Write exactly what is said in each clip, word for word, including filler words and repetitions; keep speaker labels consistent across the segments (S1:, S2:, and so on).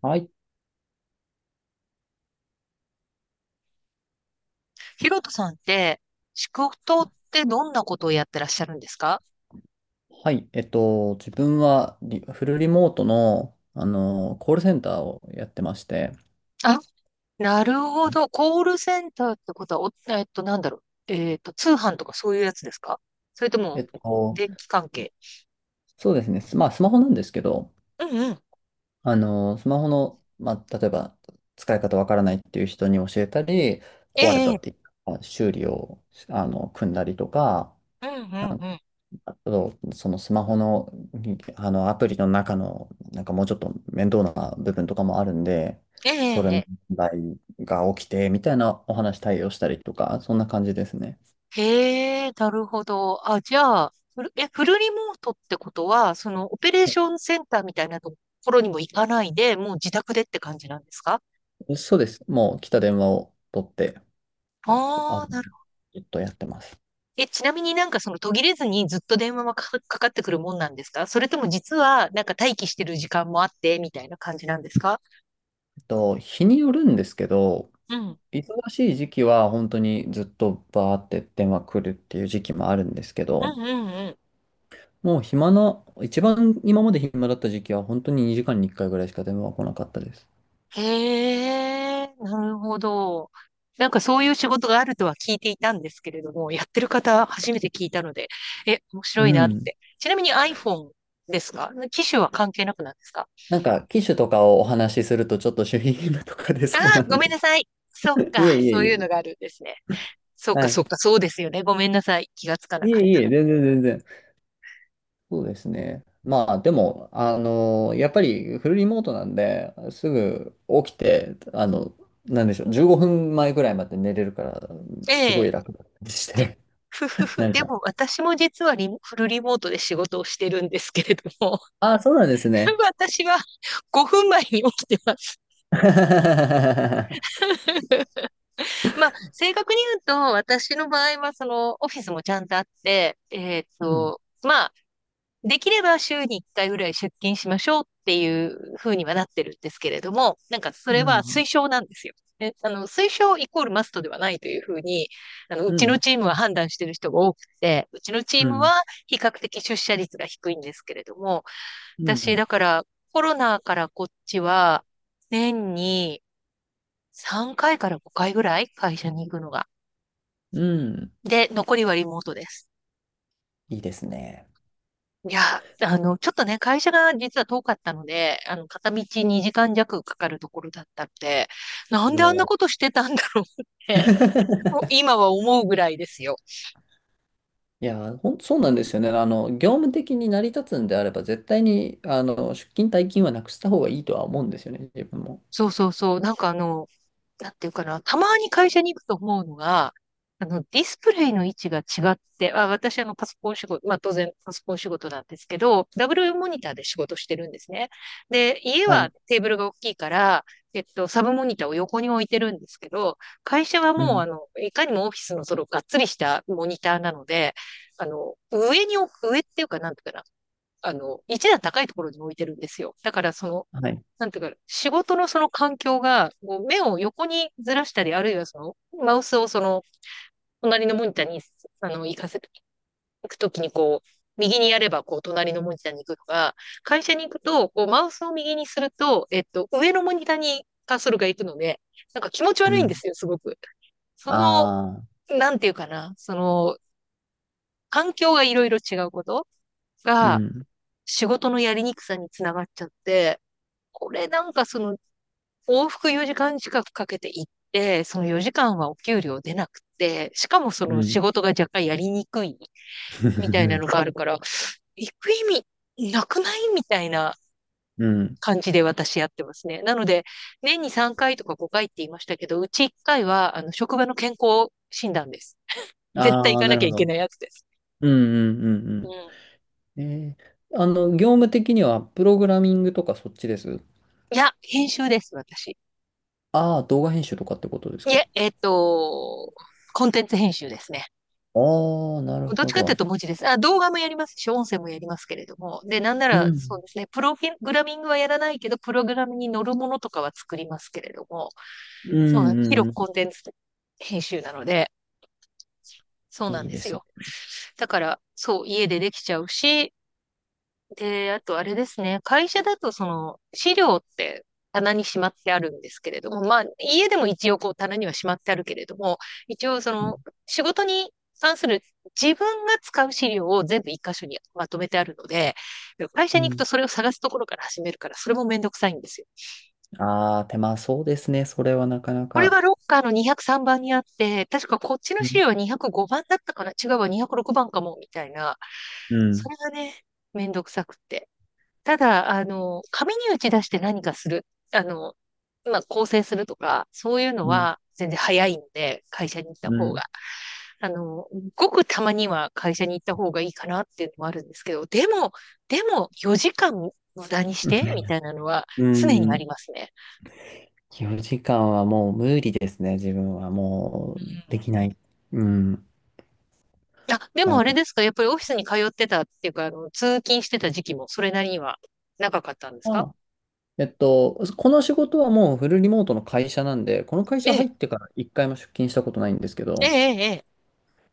S1: はい。
S2: ヒロトさんって、仕事ってどんなことをやってらっしゃるんですか？
S1: はい。えっと、自分はリフルリモートの、あの、コールセンターをやってまして、
S2: あ、なるほど。コールセンターってことは、お、えっと、なんだろう。えっと、通販とかそういうやつですか？それと
S1: え
S2: も、
S1: っと、
S2: 電気関係？
S1: そうですね。スまあ、スマホなんですけど、
S2: うんうん。
S1: あの、スマホの、まあ、例えば、使い方わからないっていう人に教えたり、
S2: え
S1: 壊れ
S2: え、
S1: た
S2: え
S1: って
S2: え。
S1: いう修理を、あの、組んだりとか、
S2: うんうんうん。
S1: あと、そのスマホの、あのアプリの中の、なんかもうちょっと面倒な部分とかもあるんで、
S2: え
S1: それ
S2: え、
S1: の
S2: ええ。
S1: 問題が起きて、みたいなお話対応したりとか、そんな感じですね。
S2: へえ、なるほど。あ、じゃあ、フル、え、フルリモートってことは、その、オペレーショ
S1: は
S2: ンセンターみたいなところにも行かないで、もう自宅でって感じなんですか？
S1: い、そうです。もう来た電話を取って、あの、
S2: ああー。
S1: ずっとやってます。
S2: え、ちなみになんかその途切れずにずっと電話はか、かかってくるもんなんですか？それとも実はなんか待機してる時間もあってみたいな感じなんですか？
S1: えっと、日によるんですけど、
S2: うん。
S1: 忙しい時期は本当にずっとバーって電話来るっていう時期もあるんですけ
S2: うん
S1: ど、
S2: うんう
S1: もう暇な、一番今まで暇だった時期は本当ににじかんにいっかいぐらいしか電話は来なかったです。
S2: ん。へえ、なるほど。なんかそういう仕事があるとは聞いていたんですけれども、やってる方初めて聞いたので、え、面
S1: う
S2: 白いなっ
S1: ん。
S2: て。ちなみに iPhone ですか？機種は関係なくなんですか？
S1: なんか、機種とかをお話しするとちょっと守秘義務とか出
S2: ああ
S1: そうな
S2: ー、ご
S1: の
S2: めん
S1: で
S2: な さい。そっ
S1: い
S2: か、
S1: えいえ
S2: そ
S1: い
S2: ういうのがあ
S1: え。
S2: るんですね。そう
S1: は
S2: か、
S1: い。
S2: そっか、そうですよね。ごめんなさい。気がつかな
S1: い
S2: か
S1: え
S2: っ
S1: いえ、全然全然。そうですね。まあ、でも、あのやっぱりフルリモートなんで、すぐ起きて、あの、なんでしょう、じゅうごふんまえぐらいまで寝れるから、
S2: た。
S1: すごい
S2: ええ。
S1: 楽だったりして、
S2: ふ
S1: なん
S2: で
S1: か、
S2: も私も実はリモフルリモートで仕事をしてるんですけれども、
S1: ああ、そうなんですね。
S2: 私はごふんまえに起きてます。まあ、正確に言うと、私の場合は、その、オフィスもちゃんとあって、えっ
S1: うん、
S2: と、まあ、できれば週にいっかいぐらい出勤しましょうっていう風にはなってるんですけれども、なんかそれ
S1: う
S2: は
S1: ん。
S2: 推奨なんですよ。で、あの、推奨イコールマストではないという風に、あの、う
S1: う
S2: ちの
S1: ん、
S2: チームは判断している人が多くて、うちのチ
S1: う
S2: ーム
S1: ん、
S2: は比較的出社率が低いんですけれども、
S1: う
S2: 私、
S1: ん、
S2: だからコロナからこっちは、年にさんかいかいからごかいぐらい会社に行くのが。
S1: うん。
S2: で、残りはリモートです。
S1: いいですね。
S2: いや、あの、ちょっとね、会社が実は遠かったので、あの、片道にじかん弱かかるところだったっで、なんであんな
S1: も
S2: ことしてたんだろうっ
S1: う
S2: て、もう 今は思うぐらいですよ。
S1: いや、ほん、そうなんですよね。あの、業務的に成り立つんであれば、絶対に、あの、出勤退勤はなくした方がいいとは思うんですよね、自分も。
S2: そうそうそう。なんかあの、なんていうかな、たまに会社に行くと思うのが、あの、ディスプレイの位置が違って、あ、私、あの、パソコン仕事、まあ、当然、パソコン仕事なんですけど、ダブルモニターで仕事してるんですね。で、家
S1: は
S2: は
S1: い。
S2: テーブルが大きいから、えっと、サブモニターを横に置いてるんですけど、会社は
S1: う
S2: もう、あ
S1: ん。
S2: の、いかにもオフィスのその、がっつりしたモニターなので、あの、上に置く、上っていうか、なんていうかな、あの、一段高いところに置いてるんですよ。だから、その、
S1: はい。
S2: なんていうか、仕事のその環境が、こう目を横にずらしたり、あるいはその、マウスをその、隣のモニターに、あの、行かせ行くときにこう、右にやれば、こう、隣のモニターに行くとか、会社に行くと、こう、マウスを右にすると、えっと、上のモニターにカーソルが行くので、なんか気持ち
S1: う
S2: 悪いんで
S1: ん。
S2: すよ、すごく。その、
S1: ああ、
S2: なんていうかな、その、環境がいろいろ違うこと
S1: う
S2: が、
S1: ん。
S2: 仕事のやりにくさにつながっちゃって、これなんかその往復よじかん近くかけて行って、そのよじかんはお給料出なくて、しかもそ
S1: う
S2: の仕
S1: ん。
S2: 事が若干やりにくいみたいな のがあるから、行く意味なくないみたいな
S1: うん。
S2: 感じで私やってますね。なので、年にさんかいとかごかいって言いましたけど、うちいっかいは、あの、職場の健康診断です。絶対
S1: あ
S2: 行
S1: あ、
S2: か
S1: な
S2: な
S1: る
S2: きゃ
S1: ほ
S2: いけ
S1: ど。
S2: ないやつです。
S1: うん、うん、う
S2: う
S1: ん、
S2: ん。
S1: うん。えー、あの、業務的には、プログラミングとかそっちです。
S2: いや、編集です、私。
S1: ああ、動画編集とかってことです
S2: い
S1: か。
S2: え、えっと、コンテンツ編集ですね。
S1: ああー、なる
S2: どっ
S1: ほ
S2: ちかっていう
S1: ど。
S2: と文字です。あ、動画もやりますし、音声もやりますけれども。で、なんなら、
S1: う
S2: そう
S1: ん。
S2: ですね、プログラミングはやらないけど、プログラムに乗るものとかは作りますけれども、
S1: う
S2: そうなん、
S1: んう
S2: 広くコン
S1: ん
S2: テンツ編集なので、そう
S1: うん。
S2: な
S1: い
S2: ん
S1: い
S2: で
S1: で
S2: す
S1: すね。
S2: よ。だから、そう、家でできちゃうし、で、あとあれですね、会社だとその資料って棚にしまってあるんですけれども、まあ家でも一応こう棚にはしまってあるけれども、一応そ
S1: うん。
S2: の仕事に関する自分が使う資料を全部一箇所にまとめてあるので、会社
S1: う
S2: に行く
S1: ん、
S2: とそれを探すところから始めるから、それもめんどくさいんですよ。
S1: ああ、手間そうですね。それはなかな
S2: これは
S1: か。
S2: ロッカーのにひゃくさんばんにあって、確かこっちの
S1: う
S2: 資
S1: ん。
S2: 料はにひゃくごばんだったかな、違うわ、にひゃくろくばんかも、みたいな。
S1: う
S2: そ
S1: ん。
S2: れがね、めんどくさくって。ただ、あの、紙に打ち出して何かする、あの、まあ、構成するとか、そういうの
S1: うん。
S2: は全然早いんで、会社に行った
S1: う
S2: 方が。
S1: ん。
S2: あの、ごくたまには会社に行った方がいいかなっていうのもあるんですけど、でも、でも、よじかん無駄にしてみたい なのは
S1: う
S2: 常にあ
S1: ん。
S2: りますね。
S1: よじかんはもう無理ですね。自分は
S2: う
S1: もう
S2: ん。
S1: できない。うん。
S2: あ、で
S1: あ
S2: も
S1: の、
S2: あれですか、やっぱりオフィスに通ってたっていうか、あの、通勤してた時期もそれなりには長かったんです
S1: ま
S2: か？
S1: あ、えっと、この仕事はもうフルリモートの会社なんで、この会
S2: え
S1: 社入
S2: え、
S1: ってから一回も出勤したことないんですけ
S2: ええ、
S1: ど、
S2: ええ。ええ。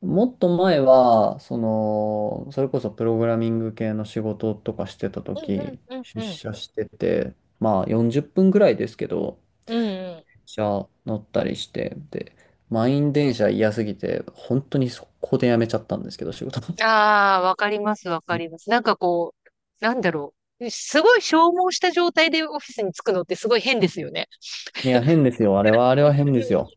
S1: もっと前は、その、それこそプログラミング系の仕事とかしてた
S2: うんうん
S1: 時、
S2: うん
S1: 出
S2: うん。
S1: 社してて、まあよんじゅっぷんぐらいですけど、
S2: うん。
S1: 電車乗ったりして、で、満員電車嫌すぎて、本当に速攻で辞めちゃったんですけど、仕事。
S2: ああ、わかります、わかりま す。なんかこう、なんだろう。すごい消耗した状態でオフィスに着くのってすごい変ですよね。
S1: いや、変ですよ。あれは、あ
S2: 仕
S1: れは
S2: 事す
S1: 変で
S2: る
S1: す
S2: の、
S1: よ。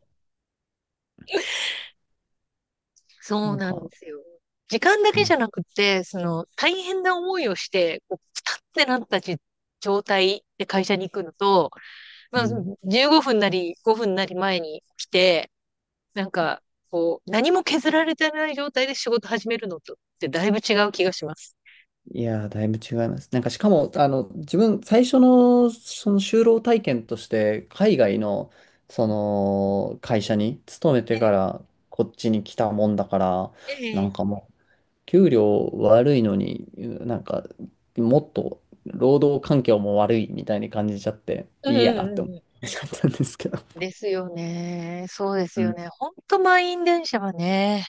S1: な
S2: そう
S1: ん
S2: なんで
S1: か、
S2: すよ。時間だ
S1: う
S2: けじ
S1: ん。
S2: ゃなくて、その、大変な思いをして、こう、ピタってなったじ状態で会社に行くのと、
S1: う
S2: まあ、
S1: ん、
S2: じゅうごふんなりごふんなり前に来て、なんか、こう、何も削られてない状態で仕事始めるのとってだいぶ違う気がします。
S1: いやー、だいぶ違います。なんか、しかも、あの、自分、最初の、その就労体験として、海外の、
S2: う
S1: そ
S2: ん。
S1: の、会社に勤め
S2: え
S1: てから、こっちに来たもんだから、
S2: え、え
S1: なん
S2: え。
S1: かもう、給料悪いのに、なんか、もっと、労働環境も悪いみたいに感じちゃって、
S2: うん
S1: いいや
S2: う
S1: っ
S2: んう
S1: て
S2: ん
S1: 思っ
S2: うん。
S1: ちゃったんですけど。
S2: ですよね。そうです
S1: う
S2: よ
S1: ん。
S2: ね。ほんと満員電車はね、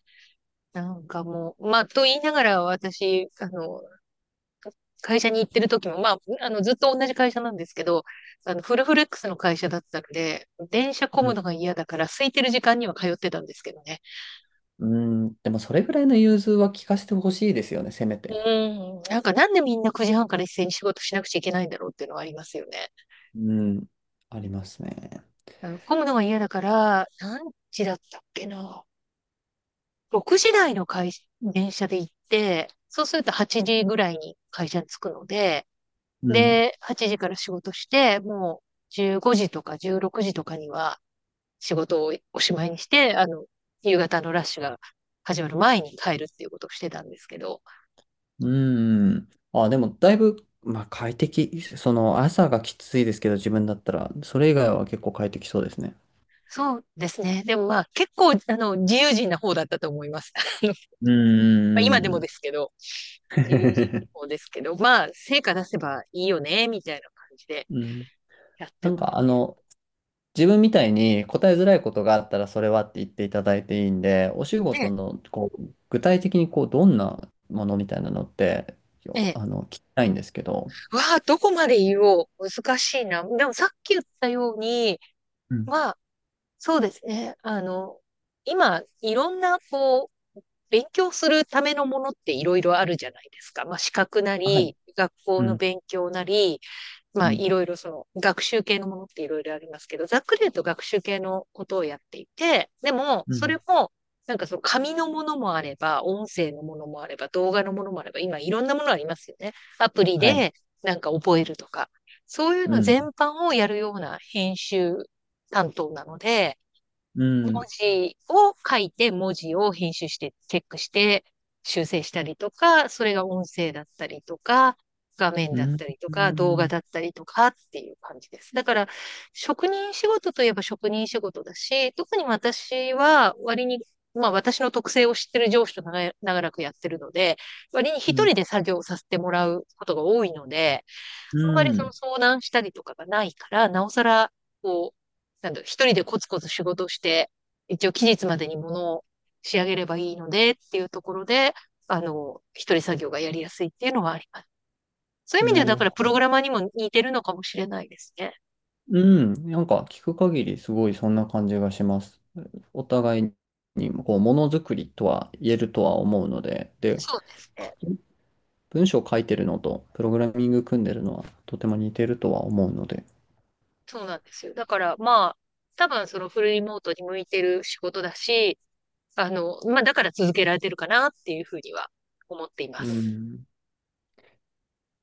S2: なんかもう、まあ、と言いながら私、あの、会社に行ってる時も、まあ、あの、ずっと同じ会社なんですけど、あの、フルフレックスの会社だったので、電車混む
S1: う
S2: のが嫌だから、空いてる時間には通ってたんですけどね。
S1: ん、うんでも、それぐらいの融通は聞かせてほしいですよね、せめ
S2: う
S1: て。
S2: ん、なんかなんでみんなくじはんから一斉に仕事しなくちゃいけないんだろうっていうのはありますよね。
S1: うん、ありますね。
S2: あの混むのが嫌だから、何時だったっけな。ろくじ台の会社、電車で行って、そうするとはちじぐらいに会社に着くので、
S1: うん
S2: で、はちじから仕事して、もうじゅうごじとかじゅうろくじとかには仕事をおしまいにして、あの、夕方のラッシュが始まる前に帰るっていうことをしてたんですけど、
S1: うーん。あ、でも、だいぶ、まあ、快適。その、朝がきついですけど、自分だったら、それ以外は結構快適そうですね。
S2: そうですね。でもまあ結構、あの、自由人な方だったと思います。あの
S1: うー
S2: まあ今でもで
S1: ん。
S2: すけど、自由人の 方ですけど、まあ成果出せばいいよね、みたいな感じで
S1: うん。
S2: やっ
S1: な
S2: て
S1: ん
S2: ます
S1: か、あ
S2: ね。
S1: の、自分みたいに答えづらいことがあったら、それはって言っていただいていいんで、お仕事
S2: で、
S1: の、こう、具体的に、こう、どんなものみたいなのって、よ
S2: え
S1: あの、聞きたいんですけど。
S2: わあ、どこまで言おう。難しいな。でもさっき言ったように、
S1: うん。
S2: まあ、そうですね。あの、今、いろんな、こう、勉強するためのものっていろいろあるじゃないですか。まあ、資格な
S1: はい。
S2: り、学校
S1: う
S2: の
S1: ん。
S2: 勉強なり、ま
S1: う
S2: あ、
S1: ん。
S2: いろいろその学習系のものっていろいろありますけど、ざっくり言うと学習系のことをやっていて、でも、
S1: う
S2: それ
S1: ん。
S2: も、なんかその紙のものもあれば、音声のものもあれば、動画のものもあれば、今いろんなものありますよね。アプリ
S1: はい。
S2: でなんか覚えるとか、そういう
S1: う
S2: の全
S1: ん。
S2: 般をやるような編集担当なので、
S1: う
S2: 文
S1: ん。
S2: 字を書いて、文字を編集して、チェックして、修正したりとか、それが音声だったりとか、画面
S1: う
S2: だっ
S1: ん。
S2: たりと
S1: う
S2: か、動画
S1: ん。
S2: だったりとかっていう感じです。だから、職人仕事といえば職人仕事だし、特に私は割に、まあ私の特性を知ってる上司と長い長らくやってるので、割に一
S1: うん。
S2: 人で作業させてもらうことが多いので、
S1: う
S2: あんまりその
S1: ん、
S2: 相談したりとかがないから、なおさら、こう、なんだろう、一人でコツコツ仕事をして、一応期日までに物を仕上げればいいのでっていうところで、あの、一人作業がやりやすいっていうのはあります。そういう意味で
S1: な
S2: は、だ
S1: る
S2: から
S1: ほ
S2: プロ
S1: ど。
S2: グラマーにも似てるのかもしれないですね。
S1: うん。なんか聞く限りすごいそんな感じがします。お互いにこうものづくりとは言えるとは思うので、で、
S2: そうです
S1: 書
S2: ね。
S1: き文章を書いてるのとプログラミング組んでるのはとても似てるとは思うので。
S2: そうなんですよ。だから、まあ、多分そのフルリモートに向いてる仕事だし、あの、まあ、だから続けられてるかなっていうふうには思っていま
S1: う
S2: す。
S1: ん。